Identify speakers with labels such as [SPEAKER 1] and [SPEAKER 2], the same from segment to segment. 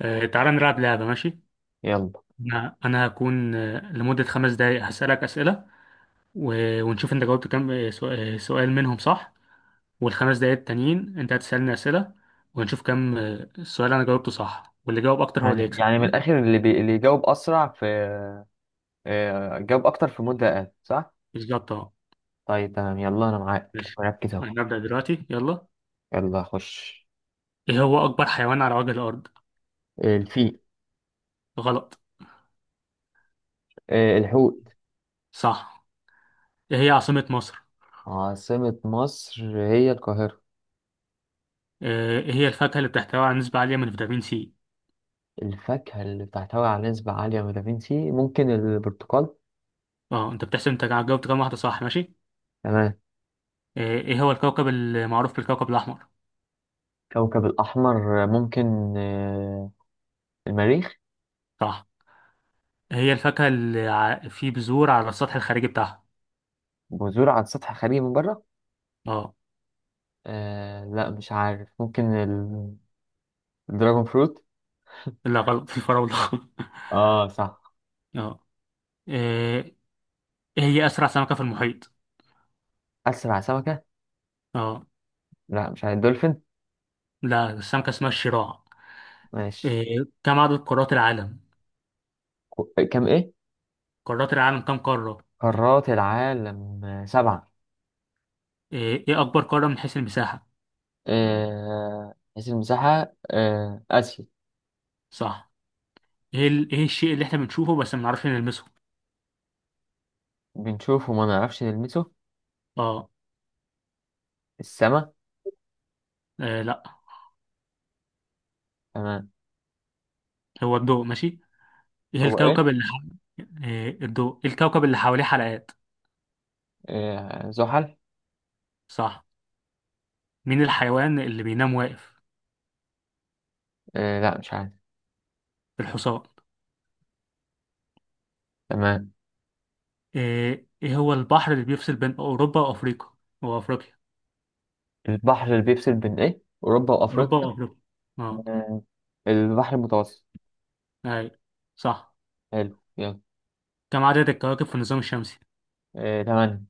[SPEAKER 1] تعالى نلعب لعبة. ماشي.
[SPEAKER 2] يلا.
[SPEAKER 1] أنا هكون لمدة 5 دقايق هسألك أسئلة، و- ونشوف أنت جاوبت كام سؤال منهم صح. والخمس دقايق التانيين أنت هتسألني أسئلة، ونشوف كام السؤال أنا جاوبته صح، واللي جاوب أكتر هو اللي
[SPEAKER 2] يعني
[SPEAKER 1] يكسب.
[SPEAKER 2] يعني من
[SPEAKER 1] تمام؟
[SPEAKER 2] الاخر اللي يجاوب اسرع في جاوب اكتر في مدة اقل صح.
[SPEAKER 1] بالظبط أه.
[SPEAKER 2] طيب تمام، يلا انا معاك
[SPEAKER 1] ماشي.
[SPEAKER 2] مركز اهو.
[SPEAKER 1] أنا هبدأ دلوقتي يلا.
[SPEAKER 2] يلا خش.
[SPEAKER 1] إيه هو أكبر حيوان على وجه الأرض؟
[SPEAKER 2] الفيل.
[SPEAKER 1] غلط.
[SPEAKER 2] الحوت.
[SPEAKER 1] صح. إيه هي عاصمة مصر؟
[SPEAKER 2] عاصمة مصر هي القاهرة.
[SPEAKER 1] إيه هي الفاكهة اللي بتحتوي على نسبة عالية من فيتامين سي؟
[SPEAKER 2] الفاكهة اللي بتحتوي على نسبة عالية من فيتامين سي ممكن البرتقال.
[SPEAKER 1] أه، أنت بتحسب أنت جاوبت كام واحدة صح ماشي؟
[SPEAKER 2] تمام.
[SPEAKER 1] ايه هو الكوكب المعروف بالكوكب الاحمر؟
[SPEAKER 2] كوكب الأحمر، ممكن المريخ.
[SPEAKER 1] صح. هي الفاكهة اللي في بذور على السطح الخارجي بتاعها.
[SPEAKER 2] بذور على سطح خالي من بره.
[SPEAKER 1] اه.
[SPEAKER 2] آه لا مش عارف، ممكن الدراجون فروت.
[SPEAKER 1] لا غلط، الفراولة.
[SPEAKER 2] اه صح.
[SPEAKER 1] اه. إيه هي أسرع سمكة في المحيط؟
[SPEAKER 2] أسرع سمكة.
[SPEAKER 1] اه.
[SPEAKER 2] لا مش عارف، دولفين.
[SPEAKER 1] لا، السمكة اسمها الشراع.
[SPEAKER 2] ماشي.
[SPEAKER 1] إيه، كم عدد قارات العالم؟
[SPEAKER 2] كام ايه؟
[SPEAKER 1] قارات العالم كم قارة؟
[SPEAKER 2] قارات العالم سبعة.
[SPEAKER 1] إيه إيه أكبر قارة من حيث المساحة؟
[SPEAKER 2] حيث المساحة آسيا.
[SPEAKER 1] صح. إيه إيه الشيء اللي إحنا بنشوفه بس ما بنعرفش نلمسه؟
[SPEAKER 2] بنشوفه وما نعرفش نلمسه.
[SPEAKER 1] اه.
[SPEAKER 2] السما.
[SPEAKER 1] إيه لا،
[SPEAKER 2] تمام.
[SPEAKER 1] هو الضوء. ماشي. إيه
[SPEAKER 2] هو ايه؟
[SPEAKER 1] الكوكب اللي إيه الضوء، إيه الكوكب اللي حواليه حلقات؟
[SPEAKER 2] زحل.
[SPEAKER 1] صح. مين الحيوان اللي بينام واقف؟
[SPEAKER 2] لا مش عارف.
[SPEAKER 1] الحصان.
[SPEAKER 2] تمام.
[SPEAKER 1] إيه إيه هو البحر اللي بيفصل بين أوروبا وأفريقيا وأفريقيا،
[SPEAKER 2] البحر اللي بيفصل بين ايه أوروبا
[SPEAKER 1] أوروبا
[SPEAKER 2] وأفريقيا.
[SPEAKER 1] وأفريقيا، أه،
[SPEAKER 2] آه، البحر المتوسط.
[SPEAKER 1] أي، صح.
[SPEAKER 2] حلو يلا.
[SPEAKER 1] كم عدد الكواكب في النظام الشمسي؟
[SPEAKER 2] تمام.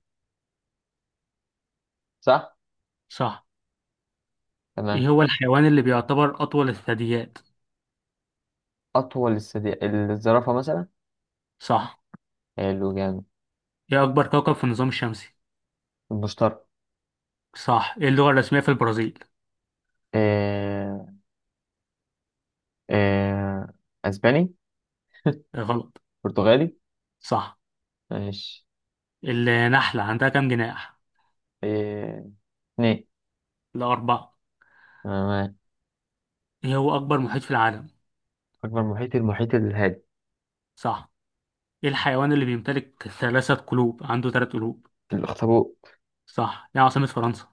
[SPEAKER 2] صح.
[SPEAKER 1] صح.
[SPEAKER 2] تمام.
[SPEAKER 1] إيه هو الحيوان اللي بيعتبر أطول الثدييات؟
[SPEAKER 2] أطول الثدي، الزرافة مثلا.
[SPEAKER 1] صح.
[SPEAKER 2] حلو جامد.
[SPEAKER 1] إيه أكبر كوكب في النظام الشمسي؟
[SPEAKER 2] المشترك.
[SPEAKER 1] صح. إيه اللغة الرسمية في البرازيل؟
[SPEAKER 2] آه، آه، أسباني.
[SPEAKER 1] إيه غلط.
[SPEAKER 2] برتغالي.
[SPEAKER 1] صح.
[SPEAKER 2] ماشي.
[SPEAKER 1] النحلة عندها كم جناح؟
[SPEAKER 2] إيه. اتنين.
[SPEAKER 1] لا أربعة.
[SPEAKER 2] أنا معاك.
[SPEAKER 1] إيه هو أكبر محيط في العالم؟
[SPEAKER 2] أكبر محيط المحيط الهادي.
[SPEAKER 1] صح. إيه الحيوان اللي بيمتلك ثلاثة قلوب عنده ثلاث قلوب؟
[SPEAKER 2] الأخطبوط.
[SPEAKER 1] صح. إيه عاصمة فرنسا؟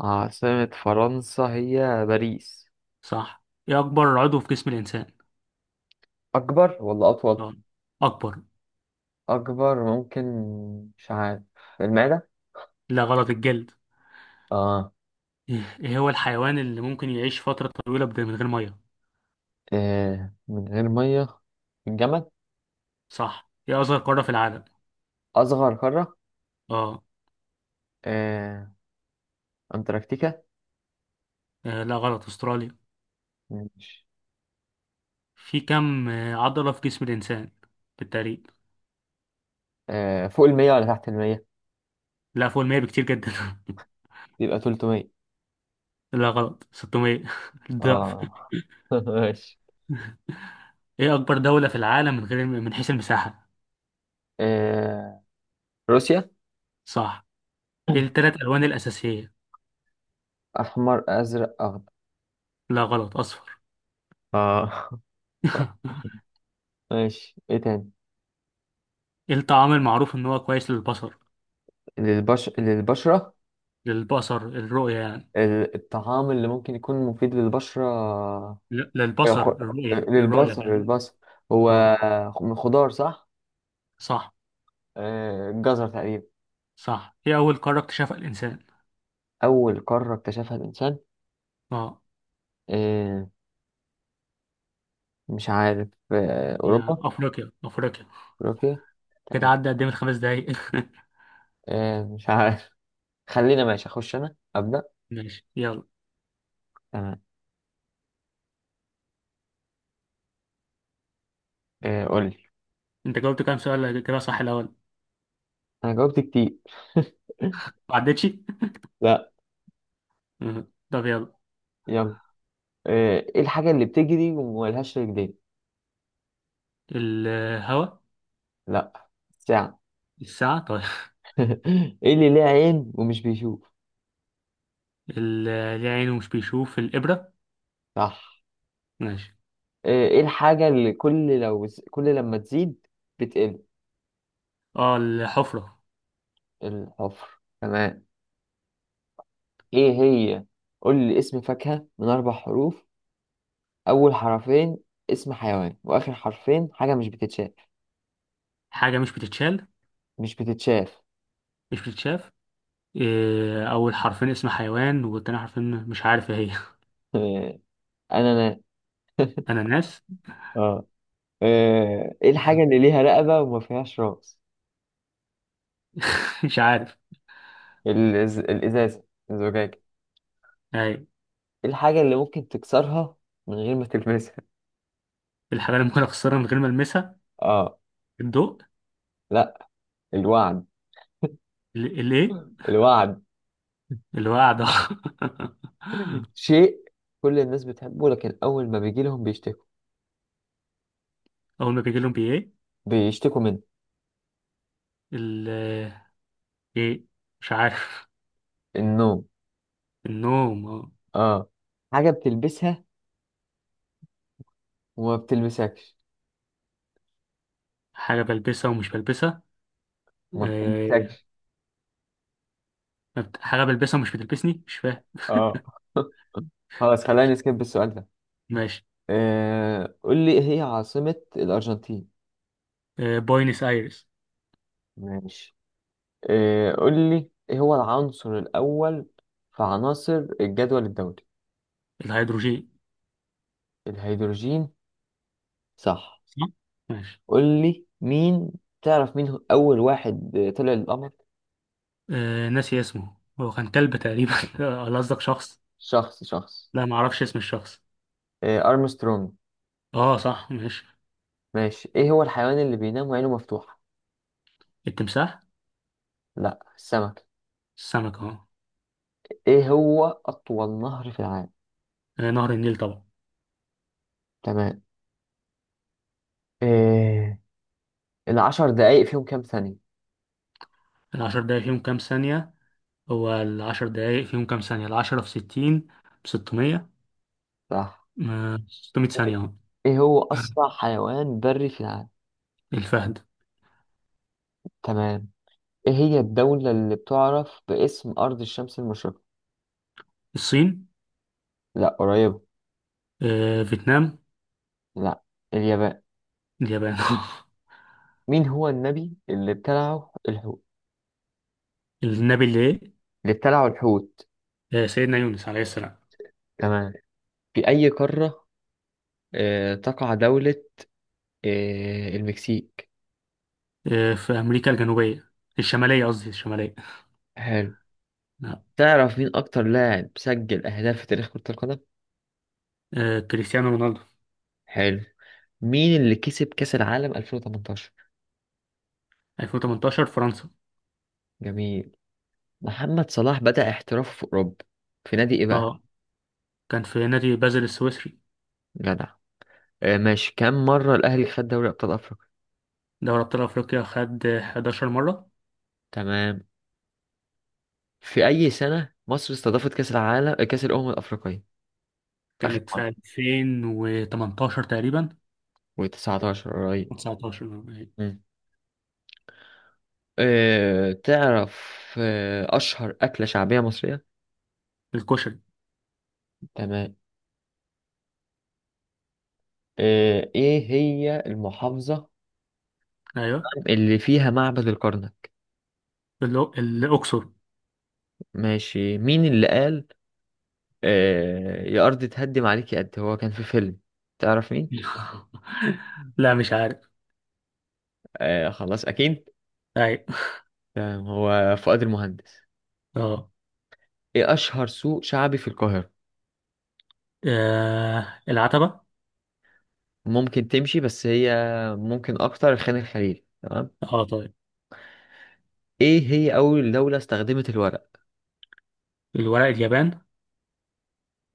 [SPEAKER 2] عاصمة فرنسا هي باريس.
[SPEAKER 1] صح. إيه أكبر عضو في جسم الإنسان؟
[SPEAKER 2] أكبر ولا أطول؟
[SPEAKER 1] نعم. أكبر.
[SPEAKER 2] أكبر ممكن. مش عارف. المعدة؟
[SPEAKER 1] لا غلط، الجلد.
[SPEAKER 2] آه.
[SPEAKER 1] إيه إيه هو الحيوان اللي ممكن يعيش فترة طويلة من غير مية؟
[SPEAKER 2] من غير مية، الجمل.
[SPEAKER 1] صح. إيه أصغر قارة في العالم؟
[SPEAKER 2] أصغر قارة.
[SPEAKER 1] آه.
[SPEAKER 2] إيه. أنتاركتيكا.
[SPEAKER 1] لا غلط، أستراليا.
[SPEAKER 2] ماشي.
[SPEAKER 1] في كم عضلة في جسم الإنسان بالتقريب؟
[SPEAKER 2] فوق المية ولا تحت المية؟
[SPEAKER 1] لا فوق المية بكتير جدا.
[SPEAKER 2] يبقى تلتمية.
[SPEAKER 1] لا غلط 600. الضعف.
[SPEAKER 2] آه ماشي.
[SPEAKER 1] إيه أكبر دولة في العالم من غير من حيث المساحة؟
[SPEAKER 2] إيه. روسيا.
[SPEAKER 1] صح. إيه التلات ألوان الأساسية؟
[SPEAKER 2] أحمر أزرق أخضر.
[SPEAKER 1] لا غلط أصفر.
[SPEAKER 2] آه ماشي ايه تاني؟
[SPEAKER 1] إيه الطعام المعروف إن هو كويس للبصر؟
[SPEAKER 2] للبشرة.
[SPEAKER 1] للبصر الرؤية يعني.
[SPEAKER 2] الطعام اللي ممكن يكون مفيد للبشرة. آه،
[SPEAKER 1] للبصر
[SPEAKER 2] خ-
[SPEAKER 1] الرؤية الرؤية
[SPEAKER 2] للبصر،
[SPEAKER 1] فاهم.
[SPEAKER 2] للبصر هو.
[SPEAKER 1] اه.
[SPEAKER 2] من خضار صح؟
[SPEAKER 1] صح.
[SPEAKER 2] الجزر تقريبا.
[SPEAKER 1] صح. هي أول قارة اكتشفها الإنسان؟
[SPEAKER 2] أول قارة اكتشفها الإنسان،
[SPEAKER 1] اه.
[SPEAKER 2] آه، مش عارف،
[SPEAKER 1] هي
[SPEAKER 2] أوروبا.
[SPEAKER 1] أفريقيا أفريقيا.
[SPEAKER 2] أوروبيا.
[SPEAKER 1] كده
[SPEAKER 2] تمام.
[SPEAKER 1] عدى قدام الـ5 دقايق.
[SPEAKER 2] مش عارف. خلينا ماشي، أخش أنا أبدأ.
[SPEAKER 1] ماشي يلا.
[SPEAKER 2] تمام. قولي.
[SPEAKER 1] أنت جاوبت كام سؤال كده صح الأول؟
[SPEAKER 2] أنا جاوبت كتير.
[SPEAKER 1] ما عدتش؟
[SPEAKER 2] لا.
[SPEAKER 1] آه. طب يلا.
[SPEAKER 2] يلا. إيه الحاجة اللي بتجري وملهاش رجلين؟
[SPEAKER 1] الهواء.
[SPEAKER 2] لا. ساعة.
[SPEAKER 1] الساعة طيب.
[SPEAKER 2] ايه اللي ليه عين ومش بيشوف؟
[SPEAKER 1] اللي عينه مش بيشوف الإبرة.
[SPEAKER 2] صح.
[SPEAKER 1] ماشي.
[SPEAKER 2] ايه الحاجة اللي كل لما تزيد بتقل؟
[SPEAKER 1] اه الحفرة.
[SPEAKER 2] الحفر تمام. ايه هي؟ قول لي اسم فاكهة من اربع حروف، اول حرفين اسم حيوان، واخر حرفين حاجة مش بتتشاف.
[SPEAKER 1] حاجة مش بتتشال.
[SPEAKER 2] مش بتتشاف.
[SPEAKER 1] مش بتتشاف. إيه، أول حرفين اسم حيوان والتاني حرفين مش عارف ايه هي.
[SPEAKER 2] انا انا.
[SPEAKER 1] أناناس.
[SPEAKER 2] اه. ايه الحاجة اللي ليها رقبة وما فيهاش راس؟
[SPEAKER 1] مش عارف.
[SPEAKER 2] الازازة، الزجاجة.
[SPEAKER 1] أيوة.
[SPEAKER 2] ايه الحاجة اللي ممكن تكسرها من غير ما تلمسها؟
[SPEAKER 1] الحاجة اللي ممكن أخسرها من غير ما ألمسها؟
[SPEAKER 2] اه.
[SPEAKER 1] الضوء.
[SPEAKER 2] لا. الوعد.
[SPEAKER 1] الايه؟
[SPEAKER 2] الوعد.
[SPEAKER 1] الوعد.
[SPEAKER 2] شيء كل الناس بتحبه لكن أول ما بيجي لهم بيشتكوا.
[SPEAKER 1] اول ما بيجي لهم بايه؟
[SPEAKER 2] بيشتكوا منه.
[SPEAKER 1] ال ايه مش عارف.
[SPEAKER 2] النوم.
[SPEAKER 1] النوم آه.
[SPEAKER 2] اه. حاجة بتلبسها وما بتلبسكش.
[SPEAKER 1] حاجه بلبسها ومش بلبسها.
[SPEAKER 2] وما
[SPEAKER 1] آه،
[SPEAKER 2] بتلبسكش.
[SPEAKER 1] ما حاجه بلبسها ومش بتلبسني مش فاهم.
[SPEAKER 2] اه. خلاص خلينا نسكيب السؤال ده.
[SPEAKER 1] ماشي.
[SPEAKER 2] آه قول لي إيه هي عاصمة الأرجنتين؟
[SPEAKER 1] بوينس ايرس.
[SPEAKER 2] ماشي. آه قول لي إيه هو العنصر الأول في عناصر الجدول الدوري؟
[SPEAKER 1] الهيدروجين.
[SPEAKER 2] الهيدروجين، صح.
[SPEAKER 1] صح. ماشي.
[SPEAKER 2] قول لي مين، تعرف مين هو أول واحد طلع للقمر؟
[SPEAKER 1] ناسي اسمه، هو كان كلب تقريبا. ولا قصدك شخص؟
[SPEAKER 2] شخص، شخص.
[SPEAKER 1] لا ما اعرفش اسم الشخص.
[SPEAKER 2] آه أرمسترونج.
[SPEAKER 1] اه صح ماشي.
[SPEAKER 2] ماشي. ايه هو الحيوان اللي بينام وعينه مفتوحة؟
[SPEAKER 1] التمساح.
[SPEAKER 2] لا السمك.
[SPEAKER 1] السمك اه.
[SPEAKER 2] ايه هو اطول نهر في العالم؟
[SPEAKER 1] نهر النيل طبعا.
[SPEAKER 2] تمام. إيه العشر دقايق فيهم كام ثانية؟
[SPEAKER 1] العشر دقايق فيهم كام ثانيه؟ هو 10 دقايق فيهم كام ثانية؟ 10 في 60 بـ600.
[SPEAKER 2] صح.
[SPEAKER 1] 600 ثانية أهو.
[SPEAKER 2] ايه هو اسرع حيوان بري في العالم؟
[SPEAKER 1] الفهد.
[SPEAKER 2] تمام. ايه هي الدولة اللي بتعرف باسم ارض الشمس المشرقة؟
[SPEAKER 1] الصين.
[SPEAKER 2] لا قريبة.
[SPEAKER 1] فيتنام.
[SPEAKER 2] لا. اليابان.
[SPEAKER 1] اليابان.
[SPEAKER 2] مين هو النبي اللي ابتلعه الحوت؟
[SPEAKER 1] النبي اللي إيه؟
[SPEAKER 2] اللي ابتلعه الحوت.
[SPEAKER 1] سيدنا يونس عليه السلام.
[SPEAKER 2] تمام. في اي قارة آه تقع دولة آه المكسيك؟
[SPEAKER 1] في أمريكا الجنوبية. الشمالية قصدي الشمالية.
[SPEAKER 2] حلو.
[SPEAKER 1] لا.
[SPEAKER 2] تعرف مين أكتر لاعب سجل أهداف في تاريخ كرة القدم؟
[SPEAKER 1] كريستيانو رونالدو.
[SPEAKER 2] حلو. مين اللي كسب كأس العالم 2018؟
[SPEAKER 1] 2018 فرنسا.
[SPEAKER 2] جميل. محمد صلاح بدأ احترافه في أوروبا، في نادي إيه بقى؟
[SPEAKER 1] اه كان في نادي بازل السويسري.
[SPEAKER 2] جدع. آه ماشي، كم مرة الأهلي خد دوري أبطال أفريقيا؟
[SPEAKER 1] دوري أبطال أفريقيا خد 11 مرة.
[SPEAKER 2] تمام. في أي سنة مصر استضافت كأس العالم، كأس الأمم الأفريقية؟ آخر
[SPEAKER 1] كانت
[SPEAKER 2] مرة،
[SPEAKER 1] في 2018 تقريبا.
[SPEAKER 2] و19 قريب.
[SPEAKER 1] و19.
[SPEAKER 2] مم. آه تعرف أشهر أكلة شعبية مصرية؟
[SPEAKER 1] الكشري.
[SPEAKER 2] تمام. آه إيه هي المحافظة
[SPEAKER 1] ايوه.
[SPEAKER 2] اللي فيها معبد الكرنك؟
[SPEAKER 1] الأقصر.
[SPEAKER 2] ماشي. مين اللي قال يا أرض تهدم عليك يا قد؟ هو كان في فيلم، تعرف مين؟
[SPEAKER 1] لا مش عارف.
[SPEAKER 2] آه خلاص أكيد.
[SPEAKER 1] أيوة.
[SPEAKER 2] تمام، هو فؤاد المهندس.
[SPEAKER 1] أه.
[SPEAKER 2] إيه أشهر سوق شعبي في القاهرة؟
[SPEAKER 1] العتبة.
[SPEAKER 2] ممكن تمشي بس هي، ممكن أكتر خان الخليل. تمام.
[SPEAKER 1] أه طيب.
[SPEAKER 2] إيه هي أول دولة استخدمت الورق؟
[SPEAKER 1] الورق، اليابان.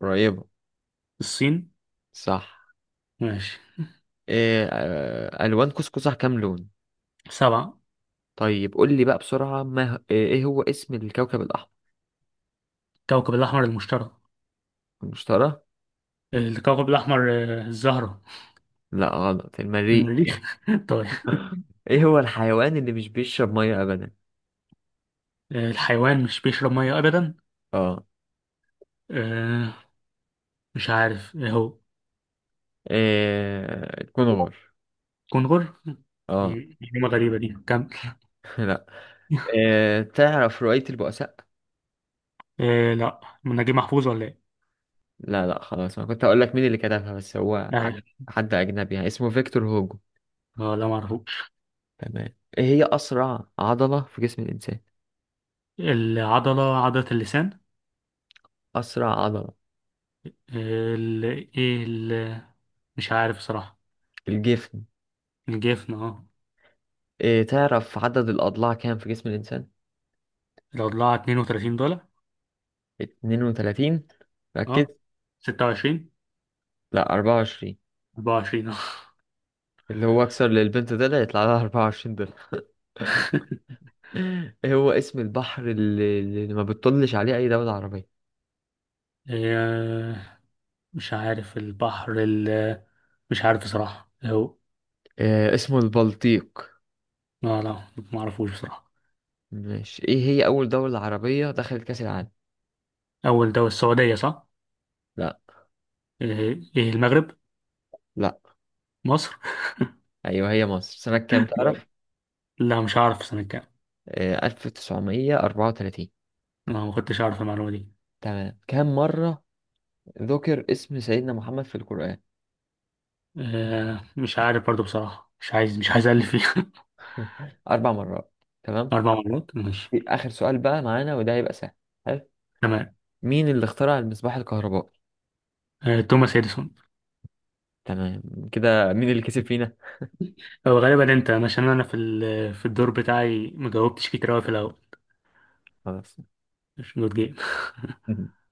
[SPEAKER 2] قريبة.
[SPEAKER 1] الصين.
[SPEAKER 2] صح.
[SPEAKER 1] ماشي.
[SPEAKER 2] إيه آه ألوان قوس قزح كام لون؟
[SPEAKER 1] سبعة.
[SPEAKER 2] طيب قول لي بقى بسرعة ما إيه هو اسم الكوكب الأحمر؟
[SPEAKER 1] الكوكب الأحمر المشتري.
[SPEAKER 2] المشتري.
[SPEAKER 1] الكوكب الأحمر الزهرة.
[SPEAKER 2] لا غلط، المريخ.
[SPEAKER 1] المريخ. طيب.
[SPEAKER 2] ايه هو الحيوان اللي مش بيشرب ميه ابدا؟
[SPEAKER 1] الحيوان مش بيشرب مية أبدا.
[SPEAKER 2] اه.
[SPEAKER 1] آه، مش عارف إيه هو.
[SPEAKER 2] كنغر.
[SPEAKER 1] كنغر.
[SPEAKER 2] اه.
[SPEAKER 1] معلومة غريبة دي كمل.
[SPEAKER 2] لا. تعرف رواية البؤساء؟
[SPEAKER 1] لا، من نجيب محفوظ ولا إيه؟
[SPEAKER 2] لا لا خلاص، انا كنت اقول لك مين اللي كتبها، بس هو حد،
[SPEAKER 1] أيوة.
[SPEAKER 2] حد اجنبي يعني، اسمه فيكتور هوجو.
[SPEAKER 1] أه لا معرفوش.
[SPEAKER 2] تمام. ايه هي اسرع عضلة في جسم الانسان؟
[SPEAKER 1] العضلة عضلة اللسان.
[SPEAKER 2] اسرع عضلة.
[SPEAKER 1] ال ايه ال مش عارف صراحة.
[SPEAKER 2] الجفن.
[SPEAKER 1] الجفن اه.
[SPEAKER 2] تعرف عدد الاضلاع كام في جسم الانسان؟
[SPEAKER 1] الأضلاع $32.
[SPEAKER 2] 32، ركز.
[SPEAKER 1] اه. 26.
[SPEAKER 2] لا 24.
[SPEAKER 1] 24 اه.
[SPEAKER 2] اللي هو اكثر للبنت، ده اللي يطلع لها 24. هو اسم البحر اللي ما بتطلش عليه أي دولة عربية؟
[SPEAKER 1] آه، مش عارف. البحر ال مش عارف بصراحة هو.
[SPEAKER 2] آه اسمه البلطيق.
[SPEAKER 1] لا لا. ما اعرفوش بصراحة.
[SPEAKER 2] ماشي. إيه هي أول دولة عربية دخلت كأس العالم؟
[SPEAKER 1] أول دولة السعودية صح؟
[SPEAKER 2] لا.
[SPEAKER 1] إيه إيه المغرب؟
[SPEAKER 2] لا.
[SPEAKER 1] مصر؟
[SPEAKER 2] أيوه هي مصر، سنة كام
[SPEAKER 1] لا
[SPEAKER 2] تعرف؟
[SPEAKER 1] لا مش عارف سنة كام.
[SPEAKER 2] آه 1934.
[SPEAKER 1] أنا ما كنتش أعرف المعلومة دي.
[SPEAKER 2] تمام. كم مرة ذكر اسم سيدنا محمد في القرآن؟
[SPEAKER 1] آه مش عارف برضو بصراحة. مش عايز ألف فيها.
[SPEAKER 2] أربع مرات. تمام.
[SPEAKER 1] أربع مرات ماشي.
[SPEAKER 2] آخر سؤال بقى معانا، وده هيبقى سهل. حلو.
[SPEAKER 1] تمام.
[SPEAKER 2] مين اللي اخترع المصباح الكهربائي؟
[SPEAKER 1] آه توماس إديسون.
[SPEAKER 2] تمام. كده مين اللي كسب فينا؟
[SPEAKER 1] هو غالبا انت، عشان انا في في الدور بتاعي مجاوبتش كتير اوي في الاول.
[SPEAKER 2] خلاص.
[SPEAKER 1] مش جود جيم.